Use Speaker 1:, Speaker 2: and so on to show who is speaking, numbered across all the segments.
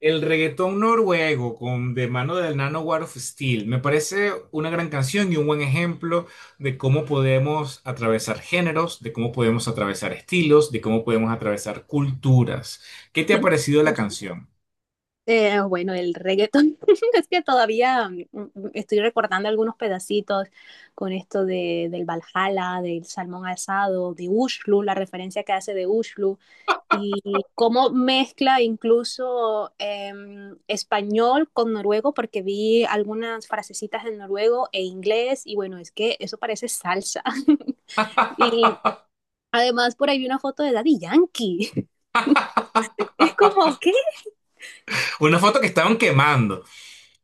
Speaker 1: El reggaetón noruego con de mano del Nano War of Steel me parece una gran canción y un buen ejemplo de cómo podemos atravesar géneros, de cómo podemos atravesar estilos, de cómo podemos atravesar culturas. ¿Qué te ha parecido la canción?
Speaker 2: Bueno, el reggaetón, es que todavía estoy recordando algunos pedacitos con esto del Valhalla, del salmón asado, de Ushlu, la referencia que hace de Ushlu, y cómo mezcla incluso español con noruego, porque vi algunas frasecitas en noruego e inglés, y bueno, es que eso parece salsa. Y además por ahí vi una foto de Daddy Yankee. Es como, ¿qué?
Speaker 1: Una foto que estaban quemando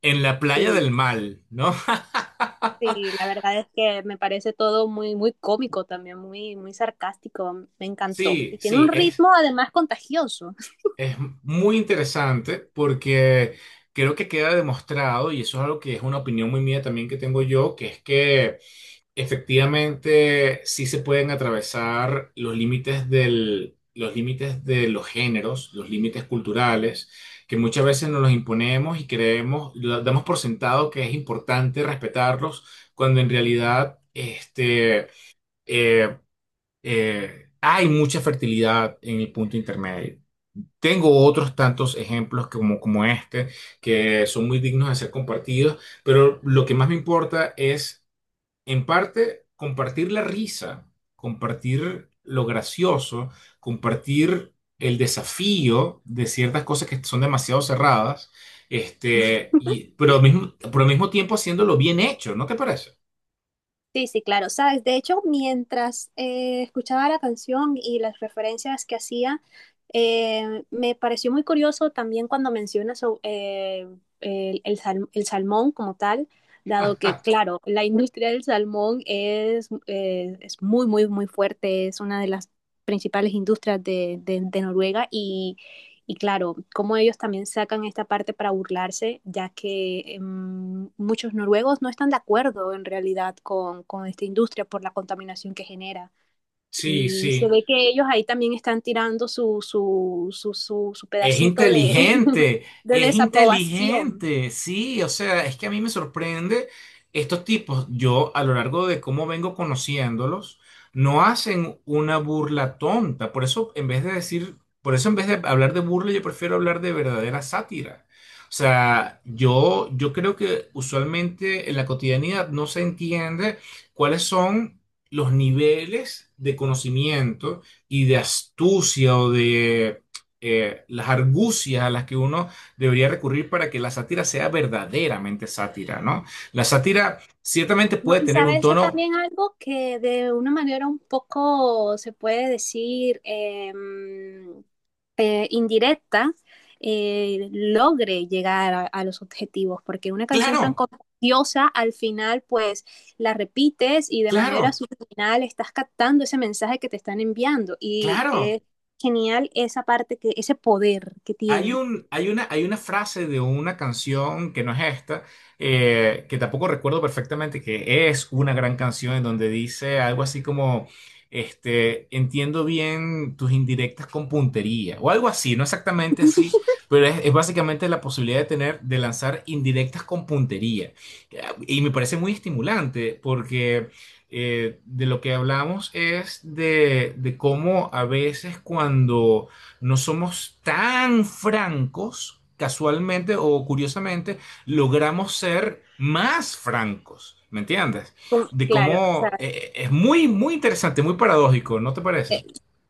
Speaker 1: en la playa
Speaker 2: Sí.
Speaker 1: del mal, ¿no?
Speaker 2: Sí, la verdad es que me parece todo muy, muy cómico también, muy, muy sarcástico, me encantó.
Speaker 1: Sí,
Speaker 2: Y tiene un
Speaker 1: sí, es,
Speaker 2: ritmo además contagioso.
Speaker 1: es muy interesante porque creo que queda demostrado, y eso es algo que es una opinión muy mía también que tengo yo, que es que efectivamente, sí se pueden atravesar los límites de los géneros, los límites culturales, que muchas veces nos los imponemos y creemos, lo damos por sentado que es importante respetarlos, cuando en realidad eh, hay mucha fertilidad en el punto intermedio. Tengo otros tantos ejemplos como este que son muy dignos de ser compartidos, pero lo que más me importa es, en parte, compartir la risa, compartir lo gracioso, compartir el desafío de ciertas cosas que son demasiado cerradas, pero al mismo tiempo haciéndolo bien hecho, ¿no te parece?
Speaker 2: Sí, sí, claro, sabes, de hecho, mientras escuchaba la canción y las referencias que hacía, me pareció muy curioso también cuando mencionas el salmón como tal, dado que, claro, la industria del salmón es muy, muy, muy fuerte, es una de las principales industrias de Noruega. Y claro, como ellos también sacan esta parte para burlarse, ya que muchos noruegos no están de acuerdo en realidad con esta industria por la contaminación que genera.
Speaker 1: Sí,
Speaker 2: Y se
Speaker 1: sí.
Speaker 2: ve que ellos ahí también están tirando su
Speaker 1: Es
Speaker 2: pedacito de,
Speaker 1: inteligente,
Speaker 2: de
Speaker 1: es
Speaker 2: desaprobación.
Speaker 1: inteligente, sí, o sea, es que a mí me sorprende estos tipos, yo a lo largo de cómo vengo conociéndolos, no hacen una burla tonta, por eso en vez de hablar de burla, yo prefiero hablar de verdadera sátira. O sea, yo creo que usualmente en la cotidianidad no se entiende cuáles son los niveles de conocimiento y de astucia o de las argucias a las que uno debería recurrir para que la sátira sea verdaderamente sátira, ¿no? La sátira ciertamente
Speaker 2: No,
Speaker 1: puede
Speaker 2: y
Speaker 1: tener un
Speaker 2: sabes, eso
Speaker 1: tono
Speaker 2: también algo que de una manera un poco se puede decir indirecta, logre llegar a los objetivos, porque una canción tan
Speaker 1: claro,
Speaker 2: contagiosa al final pues la repites y de manera
Speaker 1: claro,
Speaker 2: subliminal estás captando ese mensaje que te están enviando y
Speaker 1: claro.
Speaker 2: es genial esa parte, que ese poder que
Speaker 1: Hay
Speaker 2: tiene.
Speaker 1: un, hay una frase de una canción que no es esta, que tampoco recuerdo perfectamente, que es una gran canción en donde dice algo así como, entiendo bien tus indirectas con puntería, o algo así, no exactamente así, pero es básicamente la posibilidad de tener, de lanzar indirectas con puntería. Eh, Y me parece muy estimulante porque de lo que hablamos es de cómo a veces cuando no somos tan francos, casualmente o curiosamente, logramos ser más francos, ¿me entiendes? De
Speaker 2: Claro, o sea,
Speaker 1: cómo es muy, muy interesante, muy paradójico, ¿no te parece?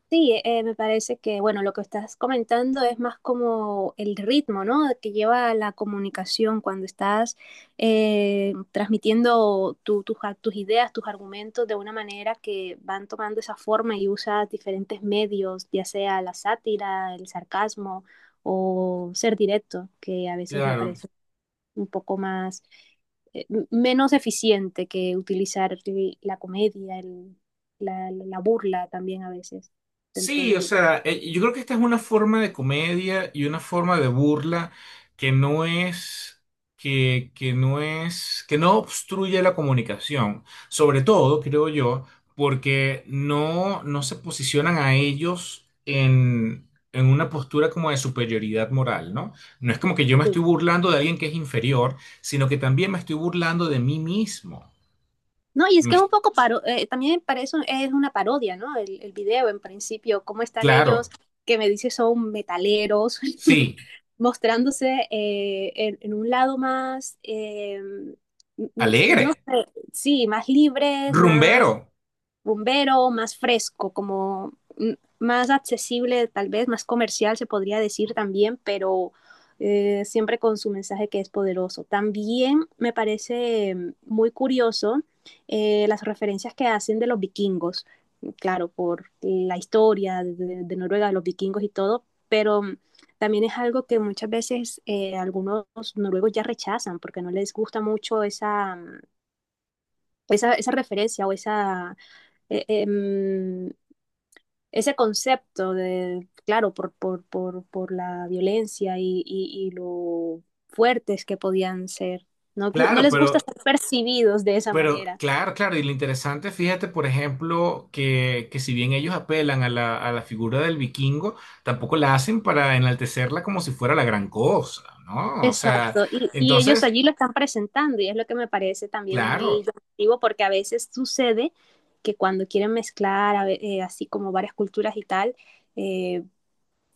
Speaker 2: sí, me parece que, bueno, lo que estás comentando es más como el ritmo, ¿no? Que lleva la comunicación cuando estás transmitiendo tus ideas, tus argumentos de una manera que van tomando esa forma, y usas diferentes medios, ya sea la sátira, el sarcasmo, o ser directo, que a veces me
Speaker 1: Claro.
Speaker 2: parece un poco más, menos eficiente que utilizar la comedia, burla también a veces dentro
Speaker 1: Sí, o
Speaker 2: del...
Speaker 1: sea, yo creo que esta es una forma de comedia y una forma de burla que no es, que no es, que no obstruye la comunicación. Sobre todo, creo yo, porque no se posicionan a ellos en una postura como de superioridad moral, ¿no? No es como que yo me
Speaker 2: Sí.
Speaker 1: estoy burlando de alguien que es inferior, sino que también me estoy burlando de mí mismo.
Speaker 2: No, y es que es un
Speaker 1: Me-
Speaker 2: poco también para eso, es una parodia, ¿no? El video en principio, cómo están ellos,
Speaker 1: claro,
Speaker 2: que me dice son metaleros,
Speaker 1: sí,
Speaker 2: mostrándose un lado más, no
Speaker 1: alegre,
Speaker 2: sé, sí, más libres, más
Speaker 1: rumbero.
Speaker 2: rumbero, más fresco, como más accesible, tal vez más comercial se podría decir también, pero siempre con su mensaje, que es poderoso. También me parece muy curioso, las referencias que hacen de los vikingos, claro, por la historia de Noruega, de los vikingos y todo, pero también es algo que muchas veces algunos noruegos ya rechazan porque no les gusta mucho esa, esa referencia, o esa, eh, em, ese concepto de, claro, por la violencia, y lo fuertes que podían ser. No, no
Speaker 1: Claro,
Speaker 2: les gusta
Speaker 1: pero
Speaker 2: ser percibidos de esa
Speaker 1: Pero
Speaker 2: manera.
Speaker 1: claro, claro, y lo interesante, fíjate, por ejemplo, que si bien ellos apelan a la figura del vikingo, tampoco la hacen para enaltecerla como si fuera la gran cosa, ¿no? O sea,
Speaker 2: Exacto, y ellos
Speaker 1: entonces,
Speaker 2: allí lo están presentando, y es lo que me parece también muy
Speaker 1: claro.
Speaker 2: llamativo, porque a veces sucede que cuando quieren mezclar así como varias culturas y tal, eh,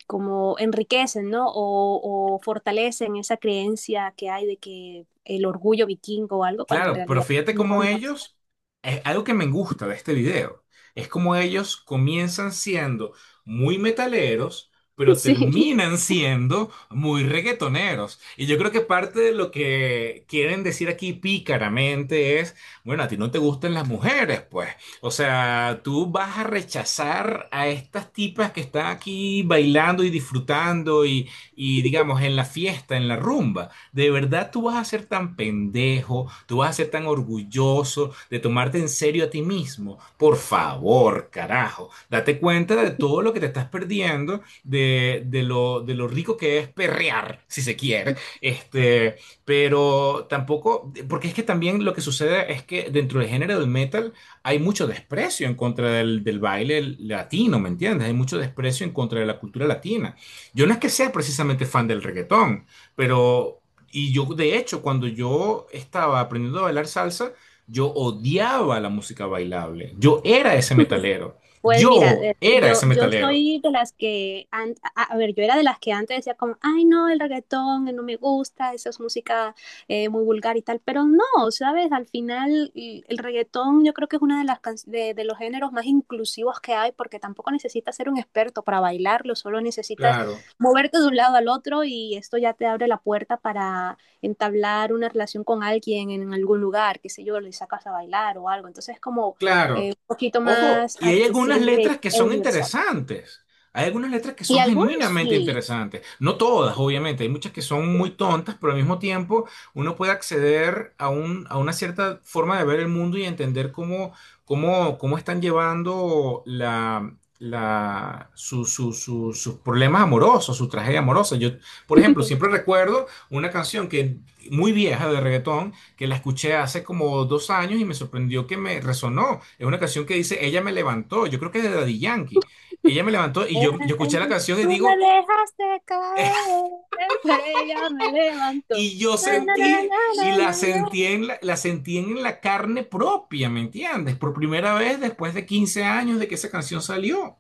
Speaker 2: como enriquecen, ¿no? Fortalecen esa creencia que hay de que el orgullo vikingo o algo, cuando en
Speaker 1: Claro, pero
Speaker 2: realidad
Speaker 1: fíjate
Speaker 2: no,
Speaker 1: cómo
Speaker 2: no.
Speaker 1: ellos, es algo que me gusta de este video, es como ellos comienzan siendo muy metaleros, pero
Speaker 2: Sí.
Speaker 1: terminan siendo muy reggaetoneros. Y yo creo que parte de lo que quieren decir aquí pícaramente es, bueno, a ti no te gustan las mujeres, pues. O sea, tú vas a rechazar a estas tipas que están aquí bailando y disfrutando y digamos, en la fiesta, en la rumba. ¿De verdad tú vas a ser tan pendejo? ¿Tú vas a ser tan orgulloso de tomarte en serio a ti mismo? Por favor, carajo. Date cuenta de todo lo que te estás perdiendo, de lo rico que es perrear, si se quiere. Pero tampoco, porque es que también lo que sucede es que dentro del género del metal hay mucho desprecio en contra del baile latino, ¿me entiendes? Hay mucho desprecio en contra de la cultura latina. Yo no es que sea precisamente fan del reggaetón, pero y yo, de hecho, cuando yo estaba aprendiendo a bailar salsa, yo odiaba la música bailable. Yo era ese metalero.
Speaker 2: Pues mira,
Speaker 1: Yo era
Speaker 2: yo,
Speaker 1: ese
Speaker 2: yo
Speaker 1: metalero.
Speaker 2: soy de las que, a ver, yo era de las que antes decía como, ay no, el reggaetón no me gusta, esa es música muy vulgar y tal, pero no, ¿sabes? Al final, y el reggaetón, yo creo que es uno de, de los géneros más inclusivos que hay, porque tampoco necesitas ser un experto para bailarlo, solo necesitas
Speaker 1: Claro.
Speaker 2: moverte de un lado al otro, y esto ya te abre la puerta para entablar una relación con alguien en algún lugar, qué sé yo, le sacas a bailar o algo, entonces como
Speaker 1: Claro.
Speaker 2: un poquito
Speaker 1: Ojo,
Speaker 2: más
Speaker 1: y hay algunas
Speaker 2: accesible
Speaker 1: letras que
Speaker 2: e
Speaker 1: son
Speaker 2: universal.
Speaker 1: interesantes. Hay algunas letras que
Speaker 2: Y
Speaker 1: son
Speaker 2: algunos
Speaker 1: genuinamente
Speaker 2: sí.
Speaker 1: interesantes. No todas, obviamente. Hay muchas que son muy tontas, pero al mismo tiempo uno puede acceder a una cierta forma de ver el mundo y entender cómo están llevando la, la, su- su- su- sus problemas amorosos, su tragedia amorosa. Yo, por ejemplo, siempre recuerdo una canción que muy vieja de reggaetón que la escuché hace como 2 años y me sorprendió que me resonó. Es una canción que dice Ella me levantó, yo creo que es de Daddy Yankee. Ella me levantó y
Speaker 2: Eh,
Speaker 1: yo escuché la
Speaker 2: eh,
Speaker 1: canción y
Speaker 2: tú me
Speaker 1: digo,
Speaker 2: dejaste caer, pero ella me levantó.
Speaker 1: y yo
Speaker 2: Na, na, na,
Speaker 1: sentí, y
Speaker 2: na,
Speaker 1: la
Speaker 2: na, na,
Speaker 1: sentí
Speaker 2: na.
Speaker 1: en la sentí en la carne propia, ¿me entiendes? Por primera vez después de 15 años de que esa canción salió.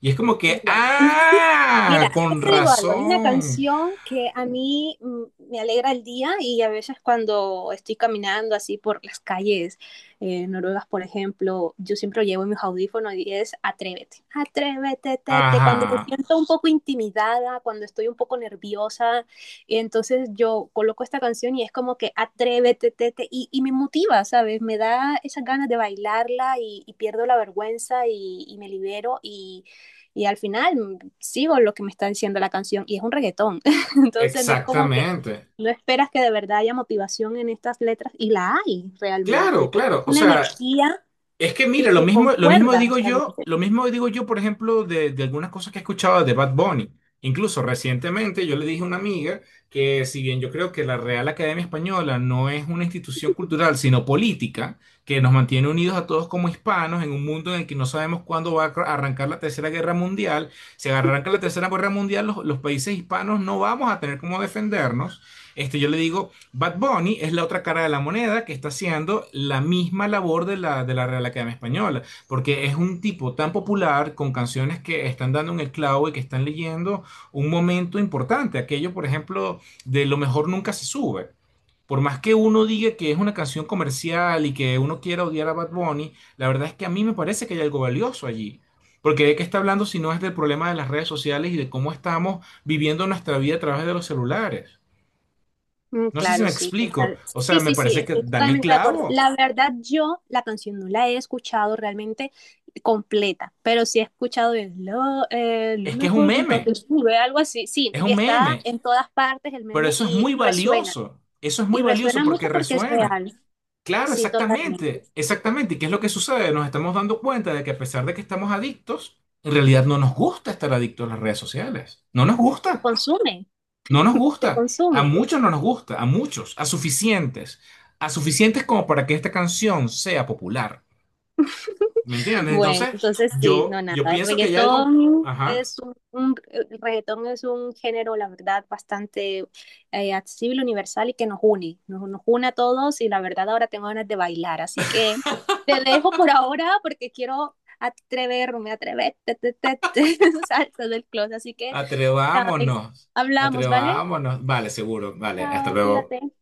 Speaker 1: Y es como que,
Speaker 2: Ya, mira,
Speaker 1: ah,
Speaker 2: yo
Speaker 1: con
Speaker 2: te digo algo, hay una
Speaker 1: razón.
Speaker 2: canción que a mí me alegra el día, y a veces cuando estoy caminando así por las calles noruegas, por ejemplo, yo siempre llevo mis audífonos, y es Atrévete, Atrévete, tete, cuando me
Speaker 1: Ajá,
Speaker 2: siento un poco intimidada, cuando estoy un poco nerviosa, y entonces yo coloco esta canción, y es como que Atrévete, tete, y me motiva, ¿sabes? Me da esas ganas de bailarla, y pierdo la vergüenza, y me libero y... Y al final sigo lo que me está diciendo la canción, y es un reggaetón. Entonces, no es como que
Speaker 1: exactamente.
Speaker 2: no esperas que de verdad haya motivación en estas letras, y la hay realmente,
Speaker 1: Claro,
Speaker 2: porque es
Speaker 1: claro. O
Speaker 2: una
Speaker 1: sea,
Speaker 2: energía
Speaker 1: es que mira,
Speaker 2: que concuerda realmente.
Speaker 1: lo mismo digo yo, por ejemplo, de algunas cosas que he escuchado de Bad Bunny. Incluso recientemente yo le dije a una amiga que si bien yo creo que la Real Academia Española no es una institución cultural, sino política, que nos mantiene unidos a todos como hispanos en un mundo en el que no sabemos cuándo va a arrancar la Tercera Guerra Mundial, si arranca la Tercera Guerra Mundial, los países hispanos no vamos a tener cómo defendernos. Yo le digo, Bad Bunny es la otra cara de la moneda que está haciendo la misma labor de de la Real Academia Española, porque es un tipo tan popular con canciones que están dando en el clavo y que están leyendo un momento importante. Aquello, por ejemplo, de Lo mejor nunca se sube. Por más que uno diga que es una canción comercial y que uno quiera odiar a Bad Bunny, la verdad es que a mí me parece que hay algo valioso allí. Porque de qué está hablando si no es del problema de las redes sociales y de cómo estamos viviendo nuestra vida a través de los celulares. No sé si me
Speaker 2: Claro, sí,
Speaker 1: explico.
Speaker 2: total.
Speaker 1: O sea,
Speaker 2: Sí,
Speaker 1: me
Speaker 2: sí, sí,
Speaker 1: parece que
Speaker 2: estoy
Speaker 1: dan el
Speaker 2: totalmente de acuerdo.
Speaker 1: clavo.
Speaker 2: La verdad, yo la canción no la he escuchado realmente completa, pero sí he escuchado lo
Speaker 1: Es que es un
Speaker 2: mejor nunca
Speaker 1: meme.
Speaker 2: te sube, algo así. Sí,
Speaker 1: Es
Speaker 2: y
Speaker 1: un
Speaker 2: está
Speaker 1: meme.
Speaker 2: en todas partes el
Speaker 1: Pero
Speaker 2: meme,
Speaker 1: eso es
Speaker 2: y
Speaker 1: muy
Speaker 2: resuena.
Speaker 1: valioso. Eso es muy
Speaker 2: Y
Speaker 1: valioso
Speaker 2: resuena
Speaker 1: porque
Speaker 2: mucho porque es
Speaker 1: resuena.
Speaker 2: real,
Speaker 1: Claro,
Speaker 2: sí, totalmente.
Speaker 1: exactamente. Exactamente. ¿Y qué es lo que sucede? Nos estamos dando cuenta de que a pesar de que estamos adictos, en realidad no nos gusta estar adictos a las redes sociales. No nos
Speaker 2: Se
Speaker 1: gusta.
Speaker 2: consume,
Speaker 1: No nos
Speaker 2: se
Speaker 1: gusta. A
Speaker 2: consume.
Speaker 1: muchos no nos gusta. A muchos. A suficientes. A suficientes como para que esta canción sea popular. ¿Me entiendes?
Speaker 2: Bueno,
Speaker 1: Entonces,
Speaker 2: entonces sí, no
Speaker 1: yo,
Speaker 2: nada.
Speaker 1: yo
Speaker 2: El
Speaker 1: pienso que hay algo.
Speaker 2: reggaetón
Speaker 1: Ajá.
Speaker 2: es un el reggaetón es un género, la verdad, bastante accesible, universal, y que nos une, nos une a todos, y la verdad ahora tengo ganas de bailar, así que te dejo por ahora, porque quiero atreverme, atreverte, te, salsa del closet, así que nada,
Speaker 1: Atrevámonos,
Speaker 2: hablamos, ¿vale?
Speaker 1: atrevámonos. Vale, seguro, vale, hasta
Speaker 2: Chao,
Speaker 1: luego.
Speaker 2: cuídate.